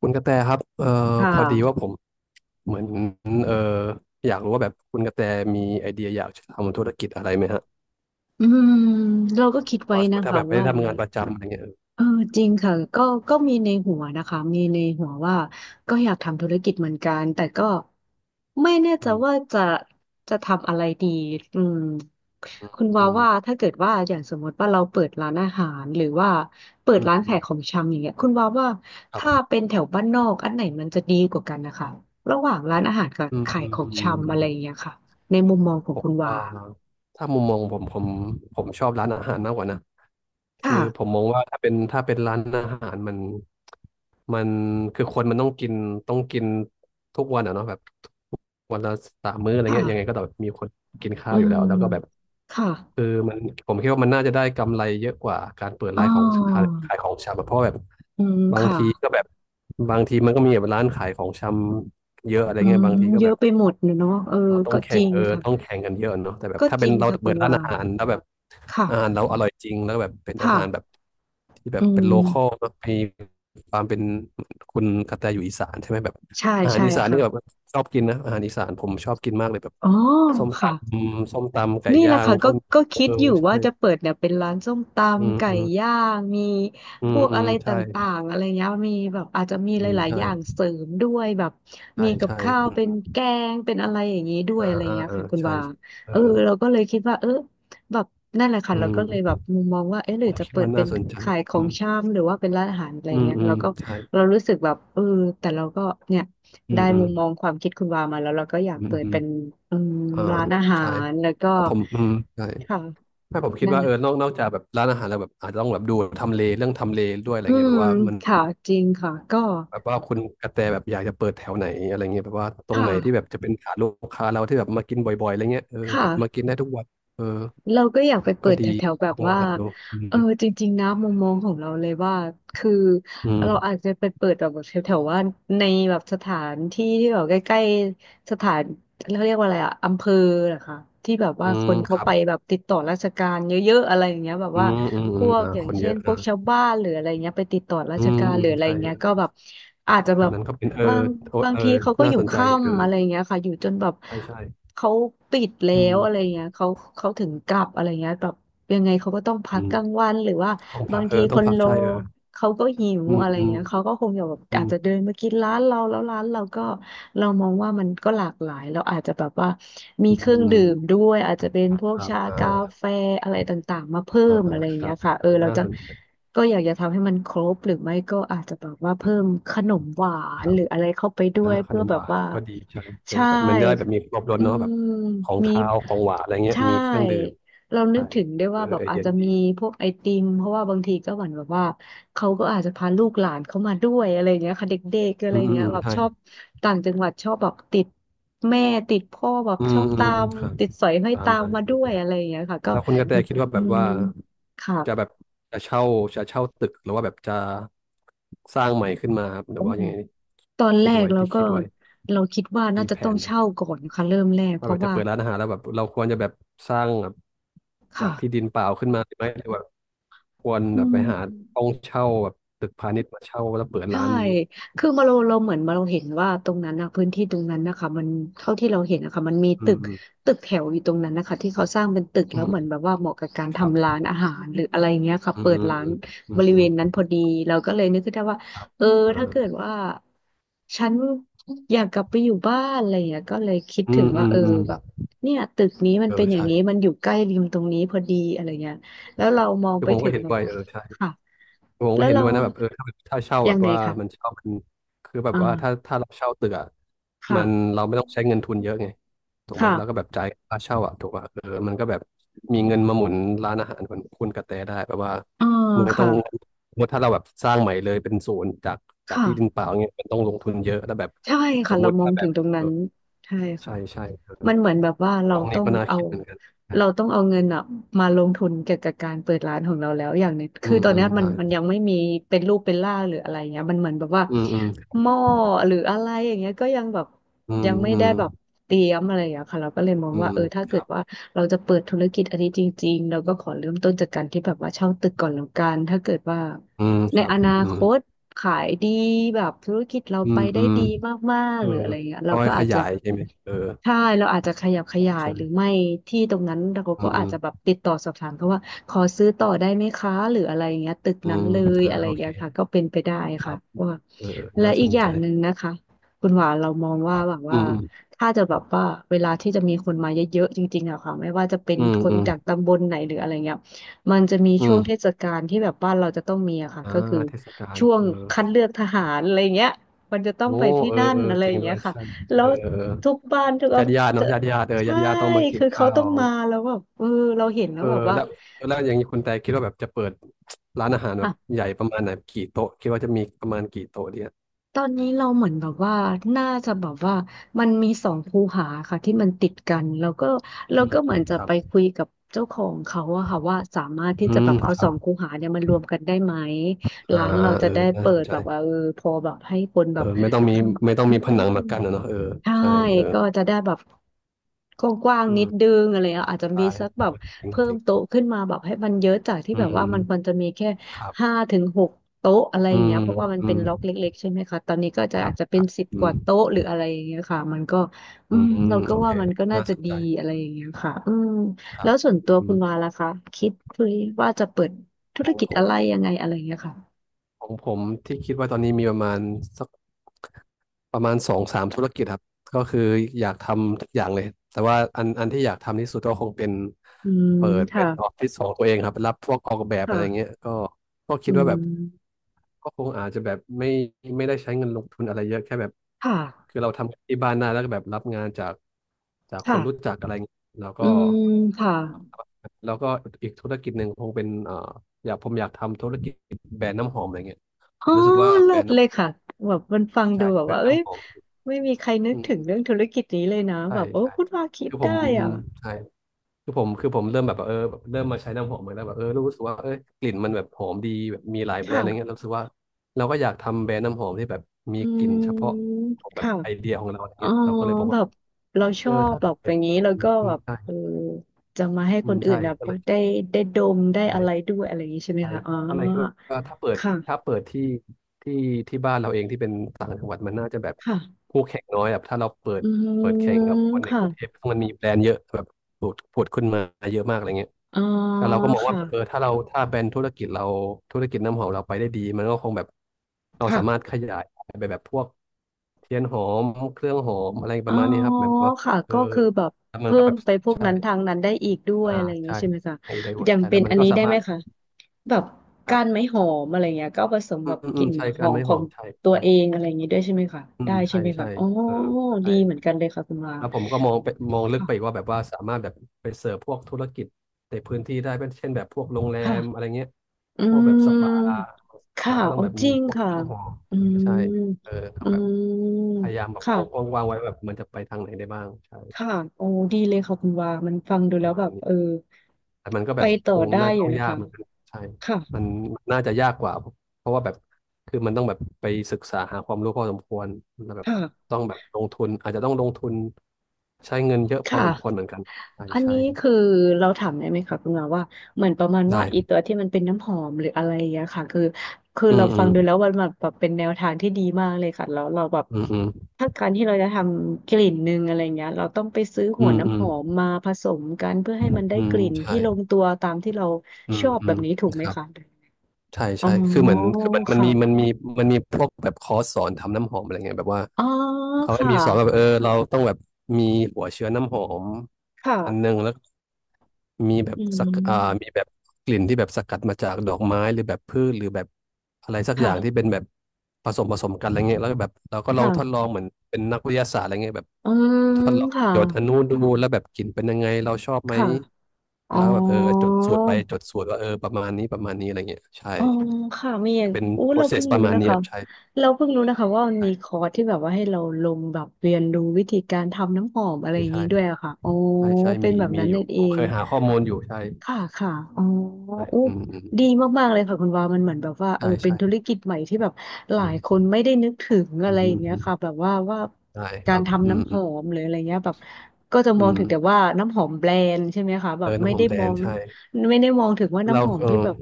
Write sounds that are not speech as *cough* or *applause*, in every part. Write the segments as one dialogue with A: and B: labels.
A: คุณกระแตครับ
B: ค่
A: พอดีว่า
B: ะ
A: ผมเหมือนเอ่ออยากรู้ว่าแบบคุณกระแตมีไอเดียอยากจะทำธุรกิจอะไรไหมฮะ
B: อืมเราก็คิดไว้
A: ว่าสมม
B: นะ
A: ติถ้า
B: คะ
A: แบบไม่ได้
B: ว่า
A: ทำงานประจำอะไรเงี้ยเออ
B: เออจริงค่ะก็มีในหัวนะคะมีในหัวว่าก็อยากทำธุรกิจเหมือนกันแต่ก็ไม่แน่ใจ
A: อื
B: ว่า
A: ม
B: จะทำอะไรดีอืมคุณ
A: อื
B: วาว่า
A: ม
B: ถ้าเกิดว่าอย่างสมมติว่าเราเปิดร้านอาหารหรือว่าเปิด
A: อืม
B: ร้าน
A: อื
B: ขา
A: ม
B: ยข
A: อื
B: อ
A: ม
B: งชำอย่างเงี้ยคุณวาว่า
A: ครั
B: ถ้า
A: บ
B: เป็นแถวบ้านนอกอันไหนมันจะดีกว่ากันนะคะระหว่างร้านอาหารกับ
A: อืม
B: ขาย
A: อืม
B: ขอ
A: อื
B: งชำอะไรอย่าง
A: ม
B: เงี้ยค่ะในมุมมองขอ
A: ผ
B: ง
A: ม
B: คุณวา
A: ว่าถ้ามุมมองผมผมชอบร้านอาหารมากกว่านะ คือ
B: ค่ะ
A: ผมมองว่าถ้าเป็นร้านอาหารมันคือคนมันต้องกินต้องกินทุกวันอะเนาะแบบวันละสามมื้ออะไร
B: ค่ะ
A: เงี้ยยังไงก็ต้องมีคนกินข้า
B: อื
A: วอยู่
B: ม
A: แล้วแล้วก็แบบ
B: ค่ะ
A: คือมันผมคิดว่ามันน่าจะได้กำไรเยอะกว่าการเปิด
B: อ๋อ
A: ร้านของขายของชำอะเพราะแบบ
B: อืม
A: บาง
B: ค่ะ
A: ทีก็แบบบางทีมันก็มีแบบร้านขายของชำเยอะอะไร
B: อื
A: เงี้
B: ม
A: ยบางทีก็
B: เย
A: แบ
B: อะ
A: บ
B: ไปหมดเนอะ เออ
A: เราต้อ
B: ก็
A: ง
B: จ
A: แข่ง
B: ริง
A: เออ
B: ค่ะ
A: ต้องแข่งกันเยอะเนาะแต่แบบ
B: ก็
A: ถ้า
B: จ
A: เป็
B: ริ
A: น
B: ง
A: เรา
B: ค่ะคุ
A: เปิ
B: ณ
A: ดร้าน
B: วา
A: อาหารแล้วแบบอาหาร
B: ค่ะ
A: เราอร่อยจริงแล้วแบบเป็นอา
B: ค่ะ
A: หารแบบที่แบ
B: อื
A: บเป็นโลคอล
B: ม
A: เนอะมีความเป็นคุณกระแตอยู่อีสานใช่ไหมแบบ
B: ใช่
A: อาหาร
B: ใช่
A: อีสานนี่
B: ค่ะ
A: แบบชอบกินนะอาหารอีสานผมชอบกินมากเลยแบบ
B: อ๋อ
A: ส้มต
B: ค่ะ
A: ำส้มตำไก่
B: นี่แห
A: ย่า
B: ละ
A: ง
B: ค่ะก็
A: ข้าวเหนีย
B: ก็
A: ว
B: คิ
A: เอ
B: ด
A: อ
B: อยู่ว่าจะ
A: ใช่
B: เปิดเนี่ยเป็นร้านส้มต
A: อืม
B: ำไก่
A: อืม
B: ย่างมี
A: อื
B: พ
A: ม
B: วก
A: อื
B: อะ
A: ม
B: ไรต
A: ใช่
B: ่างๆอะไรเงี้ยมีแบบอาจจะมี
A: อื
B: ห
A: ม
B: ลาย
A: ใช่
B: ๆอย่างเสริมด้วยแบบ
A: ใช่
B: มีกับ
A: ใช่
B: ข้าว
A: อื
B: เป็น
A: ม
B: แกงเป็นอะไรอย่างนี้ด้วย
A: อ่า
B: อะไร
A: อ่า
B: เงี้ย
A: อ่า
B: ค่ะคุณ
A: ใช่
B: ว่า
A: เออ
B: เออเราก็เลยคิดว่าเออแบบนั่นแหละค่ะ
A: อื
B: เราก็เลยแบบ
A: ม
B: มุมมองว่าห
A: ผ
B: รือ
A: ม
B: จะ
A: คิด
B: เปิด
A: ว่า
B: เป็
A: น่า
B: น
A: สนใจ
B: ขายขอ
A: อื
B: ง
A: ม
B: ชำหรือว่าเป็นร้านอาหารอะไร
A: อืม
B: เงี้ย
A: อืม
B: เราก็
A: ใช่
B: เรารู้สึกแบบแต่เราก็เนี่ย
A: อื
B: ได้
A: มอื
B: มุ
A: ม
B: มมองความคิดคุณวามาแล้วเราก็อยาก
A: อืม
B: เปิด
A: อืม
B: เป็นอืม
A: เออ
B: ร้านอาหา
A: ใช่
B: รแล้วก็
A: ผมอืมใช่
B: ค่ะ
A: ไม่ผมคิด
B: นั่น
A: ว่าเอ
B: น่ะ
A: อนอกจากแบบร้านอาหารแล้วแบบอาจจะต้องแบบดูทำเลเรื่องทำเลด้วยอะไร
B: อื
A: เงี้ยแบ
B: ม
A: บว่ามัน
B: ค่ะจริงค่ะก็
A: แบบว่าคุณกระแตแบบอยากจะเปิดแถวไหนอะไรเงี้ยแบบว่าตรง
B: ค่ะ
A: ไหนที่แบบจะเป็นฐานลูกค้าเราที่แบบมากินบ่อยๆอะไรเงี้ยเออ
B: ค่ะ
A: แบบมากินได้ทุกวันเออ
B: เราก็อยากไปเปิ
A: ก็
B: ด
A: ดี
B: แถวๆแบ
A: ลอ
B: บ
A: งมา
B: ว่า
A: หาดูอืม
B: จริงๆนะมุมมองของเราเลยว่าคือ
A: อืม
B: เราอาจจะไปเปิดแบบแถวๆว่าในแบบสถานที่ที่แบบใกล้ๆสถานเราเรียกว่าอะไรอะอำเภอเหรอคะที่แบบ
A: อื
B: ว่าค
A: ม
B: น
A: ค
B: เขา
A: รับ
B: ไปแบบติดต่อราชการเยอะๆอะไรอย่างเงี้ยแบบ
A: อื
B: ว่า
A: มอืม
B: พ
A: อืม
B: วก
A: อ่า
B: อย่า
A: ค
B: ง
A: น
B: เช่
A: เย
B: น
A: อะ
B: พว
A: อ่า
B: กชาวบ้านหรืออะไรเงี้ยไปติดต่อรา
A: อื
B: ช
A: ม
B: การ
A: อื
B: หรื
A: ม
B: ออะไร
A: ใช่
B: เงี้ย
A: เอ
B: ก็แบ
A: อ
B: บอาจจะ
A: แถ
B: แบ
A: ว
B: บ
A: นั้นก็เป็นเอ
B: บา
A: อ
B: ง
A: โอ
B: บาง
A: เอ
B: ที
A: อ
B: เขาก็อ
A: น่า
B: ยู่
A: สนใจเอ
B: ค่ำ
A: อ
B: อะไรเงี้ยค่ะอยู่จนแบบ
A: ใช่ใช่
B: เขาปิดแล้
A: อื
B: ว
A: ม
B: อะไรเงี้ยเขาถึงกลับอะไรเงี้ยแบบยังไงเขาก็ต้องพั
A: อื
B: ก
A: ม
B: กลางวันหรือว่า
A: ต้องผ
B: บา
A: ลั
B: ง
A: กเอ
B: ที
A: อต้
B: ค
A: อง
B: น
A: พัก
B: โล
A: ใช่เออ
B: เขาก็หิว
A: อืม
B: อะไร
A: อืม
B: เงี้ยเขาก็คงอยู่แบบ
A: อื
B: อาจ
A: ม
B: จะเดินมากินร้านเราแล้วร้านเราก็เรามองว่ามันก็หลากหลายเราอาจจะแบบว่ามี
A: อืม
B: เครื่อง
A: อืม
B: ดื่มด้วยอาจจะเป็นพวก
A: ครับ
B: ชากา
A: อ่า
B: แฟอะไรต่างๆมาเพิ่
A: อ่า
B: มอะไร
A: ค
B: เงี้
A: รั
B: ย
A: บ
B: ค่ะ
A: เออ
B: เรา
A: น่า
B: จะ
A: สนใจ
B: ก็อยากจะทำให้มันครบหรือไม่ก็อาจจะแบบว่าเพิ่มขนมหวาน
A: ครั
B: ห
A: บ
B: รืออะไรเข้าไปด้ว
A: นะ
B: ย
A: ข
B: เพื่
A: น
B: อ
A: ม
B: แบ
A: ห
B: บ
A: วาน
B: ว่า
A: ก็ดีใช่เอ
B: ใช่
A: อแบบมันจะได้แบบมีครบรส
B: อื
A: เนาะแบบ
B: ม
A: ของ
B: มี
A: คาวของหวานอะไร
B: ใช
A: เงี้ยมีเครื่องดื่ม
B: ่เรานึ
A: ใช่
B: กถึงได้
A: เออ
B: ว่าแบบ
A: ไอ
B: อา
A: เดี
B: จ
A: ย
B: จะ
A: ดี
B: มีพวกไอติมเพราะว่าบางทีก็เหมือนแบบว่าเขาก็อาจจะพาลูกหลานเขามาด้วยอะไรเงี้ยค่ะเด็กๆอะ
A: ๆ
B: ไร
A: อืมอืม
B: เงี้ย
A: อืม
B: แบบ
A: ใช่
B: ชอบต่างจังหวัดชอบแบบติดแม่ติดพ่อแบบ
A: อื
B: ช
A: ม
B: อบ
A: อื
B: ตา
A: ม
B: ม
A: ครับ
B: ติดสอยห้อย
A: ตาม
B: ตา
A: มา
B: มมาด้วยอะไรเงี้ยค่ะก็
A: แล้วคุณกระแต
B: อ
A: คิดว่าแบ
B: ื
A: บ
B: ม
A: ว่า
B: ค่ะ
A: จะแบบจะเช่าจะเช่าตึกหรือว่าแบบจะสร้างใหม่ขึ้นมาครับหรือว่ายังไง
B: ตอนแรกเราก็
A: คิดไว้
B: เราคิดว่าน่า
A: มี
B: จะ
A: แผ
B: ต้อง
A: นไหม
B: เช่าก่อนค่ะเริ่มแรกเพ
A: ว่าแบ
B: ราะ
A: บจะ
B: ว่า
A: เปิดร้านอาหารแล้วแบบเราควรจะแบบสร้างแบบจา
B: ค่ะ
A: กที่ดินเปล่าขึ้นมาไหมหรือว่าควร
B: อื
A: แบบไป
B: ม
A: หาต้องเช่าแบบตึกพาณิชย์มาเช่าแล้วเปิด
B: ใช่
A: ร้านดี
B: คือมาเราเราเหมือนมาเราเห็นว่าตรงนั้นนะพื้นที่ตรงนั้นนะคะมันเท่าที่เราเห็นนะคะมันมี
A: อื
B: ตึ
A: ม
B: ก
A: อืม
B: แถวอยู่ตรงนั้นนะคะที่เขาสร้างเป็นตึก
A: อื
B: แล้ว
A: ม
B: เหมือ
A: อื
B: น
A: ม
B: แบบว่าเหมาะกับการ
A: ครับ
B: ทำร้านอาหารหรืออะไรเงี้ยค่ะ
A: อื
B: เปิ
A: ม
B: ดร้า
A: อื
B: น
A: มอื
B: บ
A: ม
B: ริ
A: อื
B: เวณนั้น
A: ม
B: พอดีเราก็เลยนึกขึ้นได้ว่า
A: ครับ
B: เออถ้าเกิด
A: อ่
B: ว่าฉันอยากกลับไปอยู่บ้านอะไรเงี้ยก็เลยคิด
A: อื
B: ถึ
A: ม
B: ง
A: อื
B: ว่า
A: ม
B: เออ
A: อืม
B: แบบเนี่ยตึกนี้มัน
A: เออ
B: เป็นอย่าง
A: ใช่
B: นี้มันอยู่ใกล้ริมตรงนี้พอดีอะไรเงี้ยแล้ว
A: ใช่
B: เรามองไป
A: ผม
B: ถึ
A: ก็
B: ง
A: เห็น
B: แบ
A: ด
B: บ
A: วยเออใช่
B: ค่ะ
A: ผม
B: แล้
A: ก็
B: ว
A: เห็น
B: เรา
A: ด้วยนะแบบเออถ้าแบบถ้าเช่าแบ
B: ยั
A: บ
B: งไง
A: ว่ามัน
B: คะ
A: เช่ามันคือแบบ
B: อ่า
A: ว่าถ้าเราเช่าตึกอะ
B: ค่ะ
A: เราไม่ต้องใช้เงินทุนเยอะไงถูกไหมแล้วก็แบ
B: ค่ะ
A: บจ่ายค่าเช่าอะถูกป่ะเออมันก็แบบมีเงินมาหมุนร้านอาหารของคุณกระแตได้แบบว่า
B: เอ่า
A: ไม่ต้อ
B: ค่ะ
A: งสมมติถ้าเราแบบสร้างใหม่เลยเป็นศูนย์จาก
B: ค่ะ
A: ที่ดินเปล่าเงี้ยมันต้องลงทุนเยอะแล้วแบบ
B: ใช่
A: ส
B: ค่ะ
A: มมุ
B: เรา
A: ติ
B: มอง
A: ถ้าแบ
B: ถึ
A: บ
B: งตรง
A: เอ
B: นั้
A: อ
B: นใช่
A: ใช่
B: ค่ะ
A: ใช่เออ
B: มันเหมือนแบบว่า
A: ต
B: เรา
A: รงนี้
B: ต้อง
A: ก็น่า
B: เอา
A: คิดเหมือนกันใช่
B: เราต้องเอาเงินอะมาลงทุนเกี่ยวกับการเปิดร้านของเราแล้วอย่างหนึง
A: อื
B: คือ
A: ม
B: ตอน
A: อืม
B: เนี้ย
A: ใช่
B: มันยังไม่มีเป็นรูปเป็นร่างหรืออะไรเงี้ยมันเหมือนแบบว่า
A: อืมอืม
B: หม้อหรืออะไรอย่างเงี้ยก็ยังแบบ
A: อืม
B: ยังไม่
A: อื
B: ได้
A: ม
B: แบบเตรียมอะไรอย่างเงี้ยค่ะเราก็เลยมอง
A: อื
B: ว่า
A: ม
B: ถ้า
A: ค
B: เกิ
A: รั
B: ด
A: บ
B: ว่าเราจะเปิดธุรกิจอันนี้จริงๆเราก็ขอเริ่มต้นจากการที่แบบว่าเช่าตึกก่อนแล้วกันถ้าเกิดว่า
A: อืม
B: ใน
A: ครับ
B: อนา
A: อื
B: ค
A: ม
B: ตขายดีแบบธุรกิจเรา
A: อื
B: ไป
A: ม
B: ได้
A: อืม
B: ดีมาก
A: เอ
B: ๆ
A: อ
B: หรืออะไรเงี้ยเรา
A: เอาไว้
B: ก็
A: ข
B: อาจจะ
A: ยายใช่ไหมเออ
B: ใช่เราอาจจะขยับขยาย
A: ใช่
B: หรือไม่ที่ตรงนั้นเรา
A: อื
B: ก็
A: มอื
B: อาจ
A: ม
B: จะแบบติดต่อสอบถามเขาว่าขอซื้อต่อได้ไหมคะหรืออะไรเงี้ยตึก
A: อื
B: นั้น
A: ม
B: เลย
A: อ่า
B: อะไร
A: โอเค
B: เงี้ยค่ะก็เป็นไปได้
A: ค
B: ค่ะ
A: รับ
B: ว่า
A: เออ
B: และ
A: น่าส
B: อีก
A: น
B: อ
A: ใจ
B: ย่างหนึ่งนะคะคุณหวานเรามอง
A: ค
B: ว่า
A: รับ
B: แบบ
A: อื
B: ว่า
A: มอืม
B: ถ้าจะแบบว่าเวลาที่จะมีคนมาเยอะๆจริงๆอะค่ะไม่ว่าจะเป็น
A: อืม
B: คน
A: อืม
B: จากตำบลไหนหรืออะไรเงี้ย มันจะมี
A: อื
B: ช่ว
A: ม
B: งเทศกาลที่แบบบ้านเราจะต้องมีอะค่ะ
A: อ่า
B: ก็คือ
A: เทศกาล
B: ช่วง
A: เออ
B: คัดเลือกทหารอะไรเงี้ยมันจะต้อง
A: โอ้
B: ไปที่
A: เออ
B: นั่น
A: เออ
B: อะไร
A: จ
B: อ
A: ริง
B: ย่าง
A: ด้
B: เงี้
A: ว
B: ย
A: ย
B: ค่ะ
A: ใช่เอ
B: แล้ว
A: อเออ
B: ทุกบ้านทุก
A: ญา
B: อำ
A: ติ
B: เภ
A: ญาติ
B: อ
A: เนาะญาติญาติเออ
B: ใช่
A: ญาติญาติต้องมากิน
B: คือเขา
A: ข้า
B: ต้อง
A: ว
B: มาแล้วแบบเออเราเห็นแล้
A: เอ
B: ว
A: อ
B: แบบว่า
A: แล้วแล้วอย่างนี้คุณแต่คิดว่าแบบจะเปิดร้านอาหารแบบใหญ่ประมาณไหนกี่โต๊ะคิดว่าจะมีประมาณกี่โต๊ะเนี่ย
B: ตอนนี้เราเหมือนแบบว่าน่าจะแบบว่ามันมีสองคูหาค่ะที่มันติดกันแล้วก็เรา
A: อืม
B: ก็เหมื
A: อื
B: อน
A: ม
B: จะ
A: ครั
B: ไป
A: บ
B: คุยกับเจ้าของเขาอะค่ะว่าสามารถที่
A: อื
B: จะแบ
A: ม
B: บเอา
A: ครั
B: สอ
A: บ
B: งคูหาเนี่ยมันรวมกันได้ไหม
A: อ่า
B: ร้านเรา
A: เอ
B: จะ
A: อ
B: ได้
A: น่า
B: เปิ
A: สน
B: ด
A: ใจ
B: แบบว่าเออพอแบบให้คนแบ
A: เออ
B: บ
A: ไม่ต้องมีไม่ต้อง
B: อื
A: มีผนั
B: ม
A: งมากั้นนะเนาะเออ
B: ใช่
A: ใช่เออ
B: ก็จะได้แบบกว้าง
A: อื
B: ๆนิดนึ
A: ม
B: งอะไรอาเงี้ยอาจจะมี
A: ได้
B: สัก
A: เอ
B: แบบ
A: อจริง
B: เพิ่
A: จ
B: ม
A: ริง
B: โต๊ะขึ้นมาแบบให้มันเยอะจากที่
A: อื
B: แบ
A: ม
B: บ
A: อื
B: ว่า
A: ม
B: มันควรจะมีแค่
A: ครับ
B: ห้าถึงหกโต๊ะอะไรอ
A: อื
B: ย่างเงี้
A: ม
B: ยเพราะว่ามัน
A: อื
B: เป็น
A: ม
B: ล็อกเล็กๆใช่ไหมคะตอนนี้ก็จะ
A: ครั
B: อา
A: บ
B: จจะ
A: ค
B: เป็น
A: รับ
B: สิบ
A: อื
B: กว่า
A: ม
B: โต๊ะหรืออะไรอย่างเงี้ยค่ะมันก็อื
A: อืม
B: ม
A: อืม
B: เราก็
A: โอ
B: ว่า
A: เค
B: มันก็น่า
A: น่า
B: จะ
A: สน
B: ดี
A: ใจ
B: อะไรอย่างเงี้ยค่ะอืม
A: ครั
B: แล้
A: บ
B: วส่วนตัว
A: อื
B: คุ
A: ม
B: ณวาล่ะคะคิดคว่าจะเปิดธุ
A: ข
B: ร
A: อง
B: กิจ
A: ผ
B: อะ
A: ม
B: ไรยังไงอะไรอย่างเงี้ยค่ะ
A: ของผมที่คิดว่าตอนนี้มีประมาณสักประมาณสองสามธุรกิจครับก็คืออยากทำทุกอย่างเลยแต่ว่าอันที่อยากทำที่สุดก็คงเป็น
B: อืม
A: เปิดเป็นออ
B: ค่ะ
A: ฟฟิศของตัวเองครับรับพวกออกแบบอะไร
B: ค่ะ
A: เงี้ยก็ก็
B: อื
A: คิดว่าแบบ
B: ม
A: ก็คงอาจจะแบบไม่ได้ใช้เงินลงทุนอะไรเยอะแค่แบบ
B: ค่ะ
A: คือเราทำที่บ้านได้แล้วก็แบบรับงานจากค
B: ค่ะ
A: นรู้จักอะไรเงี้ยแล้ว
B: อื
A: ก็
B: มค่ะ
A: แล้วก็อีกธุรกิจหนึ่งคงเป็นอยากผมอยากทำธุรกิจแบรนด์น้ำหอมอะไรเงี้ย
B: อ๋
A: ผ
B: อ
A: มรู้สึกว่า
B: เลิ
A: แบร
B: ศ
A: นด์
B: เลยค่ะ
A: น้ำ
B: แบบมันฟังดู
A: ใช่
B: แบบ
A: แบร
B: ว่า
A: นด์
B: เอ้ย
A: น้ำหอม
B: ไม่มีใครนึก
A: อื
B: ถึงเรื่อง
A: ม
B: ธุรกิจนี้เลยนะ
A: ใช่
B: แบบโอ้
A: ใช่
B: คุณว่าคิด
A: คือผ
B: ได้
A: มอื
B: อ่ะ
A: มใช่ คือผมคือผมเริ่มแบบเออแบบเริ่มมาใช้น้ำหอมเหมือนแล้วแบบเออรู้สึกว่าเออกลิ่นมันแบบหอมดีแบบมีหลายแบรนด์อะไรเงี้ย
B: ค่ะ
A: เรารู้สึกว่าเราก็อยากทำแบรนด์น้ำหอมที่แบบมี
B: อื
A: กลิ่นเฉพาะ
B: ม
A: ของแบบ
B: ค่ะ
A: ไอเดียของเราอะไร
B: อ๋อ
A: เงี้ยเราก็เลยบอก
B: แบ
A: ว่า
B: บเราช
A: เออ
B: อบ
A: ถ้าก
B: แบ
A: ลั
B: บ
A: บไป
B: อย่างนี้
A: ท
B: แล้วก็
A: ำอื
B: แบ
A: ม
B: บ
A: ใช่
B: เออจะมาให้
A: อื
B: ค
A: ม
B: นอื่
A: ใช่
B: นแบบ
A: ก็เลย
B: ได้ได้ดมได้อะไร
A: ใช่
B: ด้วยอะไรอย่างนี้ใช่ไหม
A: ใช่
B: คะอ๋อ
A: ก็เลยคิดว่าถ้าเปิดถ้า
B: ค่ะ
A: เปิดที่ที่บ้านเราเองที่เป็นต่างจังหวัดมันน่าจะแบบ
B: ค่ะ
A: คู่แข่งน้อยแบบถ้าเราเปิด
B: อื
A: แข่
B: ม
A: งกับคนใน
B: ค่ะ
A: กรุงเทพ่มันมีแบรนด์เยอะแบบผุดขึ้นมาเยอะมากอะไรเงี้ย
B: อ๋อ
A: แล้วเราก็มองว่า
B: ค่ะ
A: แบบเออถ้าเราแบรนด์ธุรกิจเราธุรกิจน้ำหอมเราไปได้ดีมันก็คงแบบเราสามารถ
B: ค่ะ
A: ขยายไปแบบพวกเทียนหอมเครื่องหอมอะไรป
B: อ๋อ
A: ระมาณนี้ครับแบบว่า
B: ค่ะ
A: เออ
B: ก็คือแบบ
A: แล้วมัน
B: เพิ่
A: ก็
B: ม
A: แบบ
B: ไปพวก
A: ใช่
B: นั้นทางนั้นได้อีกด้วย
A: อ่า
B: อะไรอย่างเงี้
A: ใช่
B: ยใช่ไหมคะ
A: ไอได้หม
B: อ
A: ด
B: ย่าง
A: ใช่
B: เป็
A: แล้ว
B: น
A: มัน
B: อัน
A: ก็
B: นี้
A: สา
B: ได้
A: มา
B: ไห
A: ร
B: ม
A: ถ
B: คะแบบ
A: ครั
B: ก้านไม้
A: บ
B: หอมอะไรเงี้ยก็ผสม
A: อื
B: แบ
A: ม
B: บก
A: อื
B: ลิ่
A: ม
B: น
A: ใช่
B: ห
A: กา
B: อ
A: ร
B: ม
A: ไม่
B: ข
A: ห
B: อ
A: อ
B: ง
A: มใช่
B: ตัว
A: ใช่
B: เองอะไรอย่างงี้ด้วยใช่ไหมคะ
A: อื
B: ได้
A: ม
B: ใช่
A: ใช่
B: ไหม
A: ใช่
B: คะอ๋อ
A: เออใช่
B: ดีเหมือนกันเลยค่ะคุณวา
A: แล้วผมก็มองไปมองลึกไปอีก
B: ค่ะ
A: ว่าแบบว่าสามารถแบบไปเสิร์ฟพวกธุรกิจในพื้นที่ได้เป็นเช่นแบบพวกโรงแรมอะไร
B: ค่ะ
A: เงี้ย
B: อื
A: พวกแบบสปา
B: ม
A: สปา
B: ค่ะ
A: ก็ต้อ
B: อ๋
A: ง
B: อ
A: แบบ
B: จ
A: มี
B: ริง
A: พวก
B: ค่ะ
A: เครื่องหอม
B: อืม
A: ใช่เออก็
B: อื
A: แบบ
B: ม
A: พยายามแบบม
B: ค่ะ
A: องกว้างๆไว้แบบมันจะไปทางไหนได้บ้างใช่
B: ค่ะโอ้ดีเลยค่ะคุณวามันฟังดู
A: ป
B: แล้
A: ระ
B: ว
A: มา
B: แบ
A: ณ
B: บ
A: นี้
B: เออ
A: แต่มันก็
B: ไป
A: แบบค
B: ต่อ
A: ง
B: ได้
A: น่าจะ
B: อยู่
A: ต้อง
B: นะ
A: ยาก
B: คะ
A: เหมือนกันใช่มัน
B: ค่ะ
A: มันน่าจะยากกว่าเพราะว่าแบบคือมันต้องแบบไปศึกษาหาความรู้พอสมควรแล้วแบบ
B: ค่ะ
A: ต้องแบบลงทุนอาจจะต้องลงทุนใช้เงินเยอะ
B: ค
A: พอสมควรเห
B: ่ะ
A: มือนกันใช่
B: อัน
A: ใช่
B: นี้คือเราถามได้ไหมคะคุณมาว่าเหมือนประมาณว่า
A: ได้
B: อีตัวที่มันเป็นน้ำหอมหรืออะไรอย่างเงี้ยค่ะคือคือ
A: อื
B: เรา
A: มอื
B: ฟั
A: ม
B: งดูแล้วมันแบบเป็นแนวทางที่ดีมากเลยค่ะแล้วเราแบบ
A: อืมอืม
B: ถ้าการที่เราจะทำกลิ่นหนึ่งอะไรเงี้ยเราต้องไปซื้อ
A: อื
B: หัว
A: มอื
B: น้ำห
A: ม
B: อมมาผสมกันเพื่อให้มันได้
A: อื
B: ก
A: ม
B: ลิ่น
A: ใช่
B: ที่ลงตัวตามที่เรา
A: อื
B: ช
A: ม
B: อบ
A: อื
B: แบ
A: ม
B: บนี้ถูกไห
A: ค
B: ม
A: รับ
B: คะ
A: ใช่
B: อ๋อ
A: ใช่คือเหมือนคือมันมีมัน
B: ค่ะ
A: มีมันมีพวกแบบคอร์สสอนทำน้ำหอมอะไรเงี้ยแบบว่า
B: อ๋อ
A: เขาจะ
B: ค่ะ
A: มีสอนแบบเออเราต้องแบบมีหัวเชื้อน้ำหอม
B: ค่ะ
A: อันนึงแล้วมีแบบ
B: อื
A: สักมี
B: ม
A: แบบกลิ่นที่แบบสกัดมาจากดอกไม้หรือแบบพืชหรือแบบอะไรสักอ
B: ค่ะ
A: ย่างที่เป็นแบบผสมกันอะไรเงี้ยแล้วก็แบบเราก็ลองทดลอ
B: ค่ะ
A: งเหมือนเป็นนักวิทยาศาสตร์อะไรเงี้ยแบบ
B: อืม
A: ทดลอง
B: ค่ะ
A: หยดอันนู้นดูแล้วแบบกลิ่นเป็นยังไงเราชอบไหม
B: ค่ะ อ๋อ
A: แล้วก็แบบเออจดสูตรไปจดสูตรว่าเออประมาณนี้ประมาณนี้อะไรเงี้ยใช่
B: อ๋อ ค่ะมีอย่าง
A: เป็น
B: อู้เราเพิ่
A: process
B: ง
A: ป
B: รู้
A: ระมาณ
B: นะ
A: เนี้ย
B: คะ
A: ใช่
B: เราเพิ่งรู้นะคะว่ามันมีค
A: ใช่
B: อร์สที่แบบว่าให้เราลงแบบเรียนรู้วิธีการทำน้ำหอมอะไร
A: ใช่
B: อย่าง
A: ใช
B: นี้ด้วยอะค่ะ อ๋อ
A: ่ใช่
B: เป็น
A: มี
B: แบบ
A: มี
B: นั้น
A: อ
B: นั่
A: ยู่
B: นเอ
A: ผมเค
B: ง
A: ยหาข้อมูลอยู่ใช่
B: ค่ะค่ะ อ๋อ
A: ใช่
B: อู้
A: อืมอืม
B: ดีมากๆเลยค่ะคุณวามันเหมือนแบบว่าเออ
A: ใช่
B: เป็นธุ
A: ใช่
B: รกิจใหม่ที่แบบหลา
A: อื
B: ยคน
A: ม
B: ไม่ได้นึกถึง
A: อื
B: อะ
A: ม
B: ไร
A: อื
B: อ
A: ม
B: ย่างเงี้ย
A: อืม
B: ค่ะแบบว่า
A: ใช่ค
B: กา
A: รั
B: ร
A: บอื
B: ทำ
A: ม
B: น้ำหอมหรืออะไรเงี้ยแบบก็จะม
A: อื
B: อ
A: ม
B: ง
A: อื
B: ถึ
A: ม
B: งแต่ว่าน้ำหอมแบรนด์ใช่ไหมคะแบ
A: เอ
B: บ
A: อ
B: ไม่
A: น้ำหอม
B: ได้
A: แบร
B: มอ
A: น
B: ง
A: ด์
B: น้
A: ใช่
B: ำไม่ได้มองถึงว่า
A: เรา
B: น้ำหอม
A: เอ
B: ที่
A: อ
B: แบบ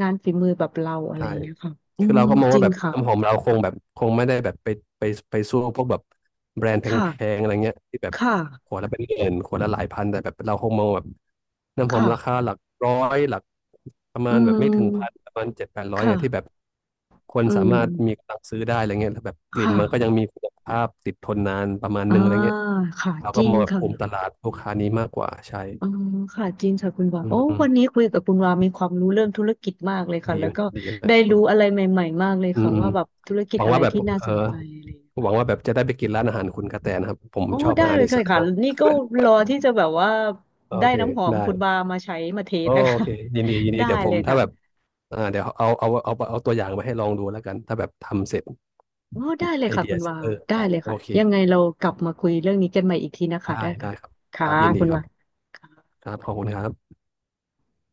B: งานฝีมือแบบเราอะไร
A: ใช่
B: อย่างเงี้ยค่ะอื
A: คือ
B: ม
A: เราก็มอง
B: จ
A: ว่า
B: ริง
A: แบบ
B: ค่ะ
A: น้ำหอมเราคงแบบคงไม่ได้แบบไปไปสู้พวกแบบแบรนด์แ
B: ค่ะ
A: พงๆอะไรเงี้ยที่แบบ
B: ค่ะ
A: ขวดละเป็นหมื่นขวดละหลายพันแต่แบบเราคงมองแบบน้ำหอม
B: ค่ะ
A: ราคาหลักร้อยหลักประ
B: อื
A: มาณแบบไม่ถึงพัน
B: ม
A: ประมาณเจ็ดแปดร้อ
B: ค
A: ยเงี้ยที่แบบ
B: ่ะ
A: คน
B: อื
A: สา
B: ม
A: มารถมีกำลังซื้อได้อะไรเงี้ยแล้วแบบก
B: ค
A: ลิ่นมันก็ยั
B: ่ะ
A: งมีคุณภาพติดทนนานประมาณ
B: อ่า
A: นึงอะไรเงี้ย
B: ค่ะ
A: เรา
B: จ
A: ก็
B: ริ
A: ม
B: ง
A: องแบบ
B: ค่ะ
A: กลุ่มตลาดลูกค้านี้มากกว่าใช่
B: อ๋อค่ะจริงค่ะคุณวา
A: อืม
B: โอ้
A: อืม
B: วันนี้คุยกับคุณวามีความรู้เรื่องธุรกิจมากเลยค่ะ
A: ดี
B: แล้วก็
A: ดีเลย
B: ได้
A: อ
B: รู้อะไรใหม่ๆมากเลย
A: ื
B: ค่ะ
A: มอืม
B: ว่าแบบธุรกิ
A: ห
B: จ
A: วัง
B: อะไร
A: ว่าแบบ
B: ที่น่า
A: เอ
B: ส
A: อ
B: นใจอะไรอย่างเงี้ย
A: หวัง
B: ค่ะ
A: ว่าแบบจะได้ไปกินร้านอาหารคุณกระแตนะครับผม
B: โอ๋
A: ชอบ
B: ได้
A: อาหาร
B: เลย
A: อี
B: ค่ะ
A: สาน
B: ค่ะ
A: มาก
B: นี่ก็รอที่จะแบบว่า
A: โอ
B: ได้
A: เค
B: น้ำหอมคุณ
A: ได้
B: วามาใช้มาเทสนะ
A: โอ
B: คะ
A: เคยินดียิน
B: *laughs*
A: ดี
B: ได้
A: เดี๋ยวผ
B: เล
A: ม
B: ย
A: ถ้า
B: ค่ะ
A: แบบอ่าเดี๋ยวเอาตัวอย่างมาให้ลองดูแล้วกันถ้าแบบทำเสร็จ
B: โอ้ได้เลย
A: ไอ
B: ค่ะ
A: เดี
B: คุ
A: ย
B: ณ
A: เสร็
B: วา
A: จเออ
B: ได้
A: ได้
B: เลย
A: โอ
B: ค่ะ
A: เค
B: ยังไงเรากลับมาคุยเรื่องนี้กันใหม่อีกทีนะคะ
A: ได้
B: ได้ค่ะ
A: ได้ครับค
B: ค่ะ
A: รับยินดี
B: คุณ
A: ครั
B: วา
A: บ
B: ค่ะ
A: ครับขอบคุณครับ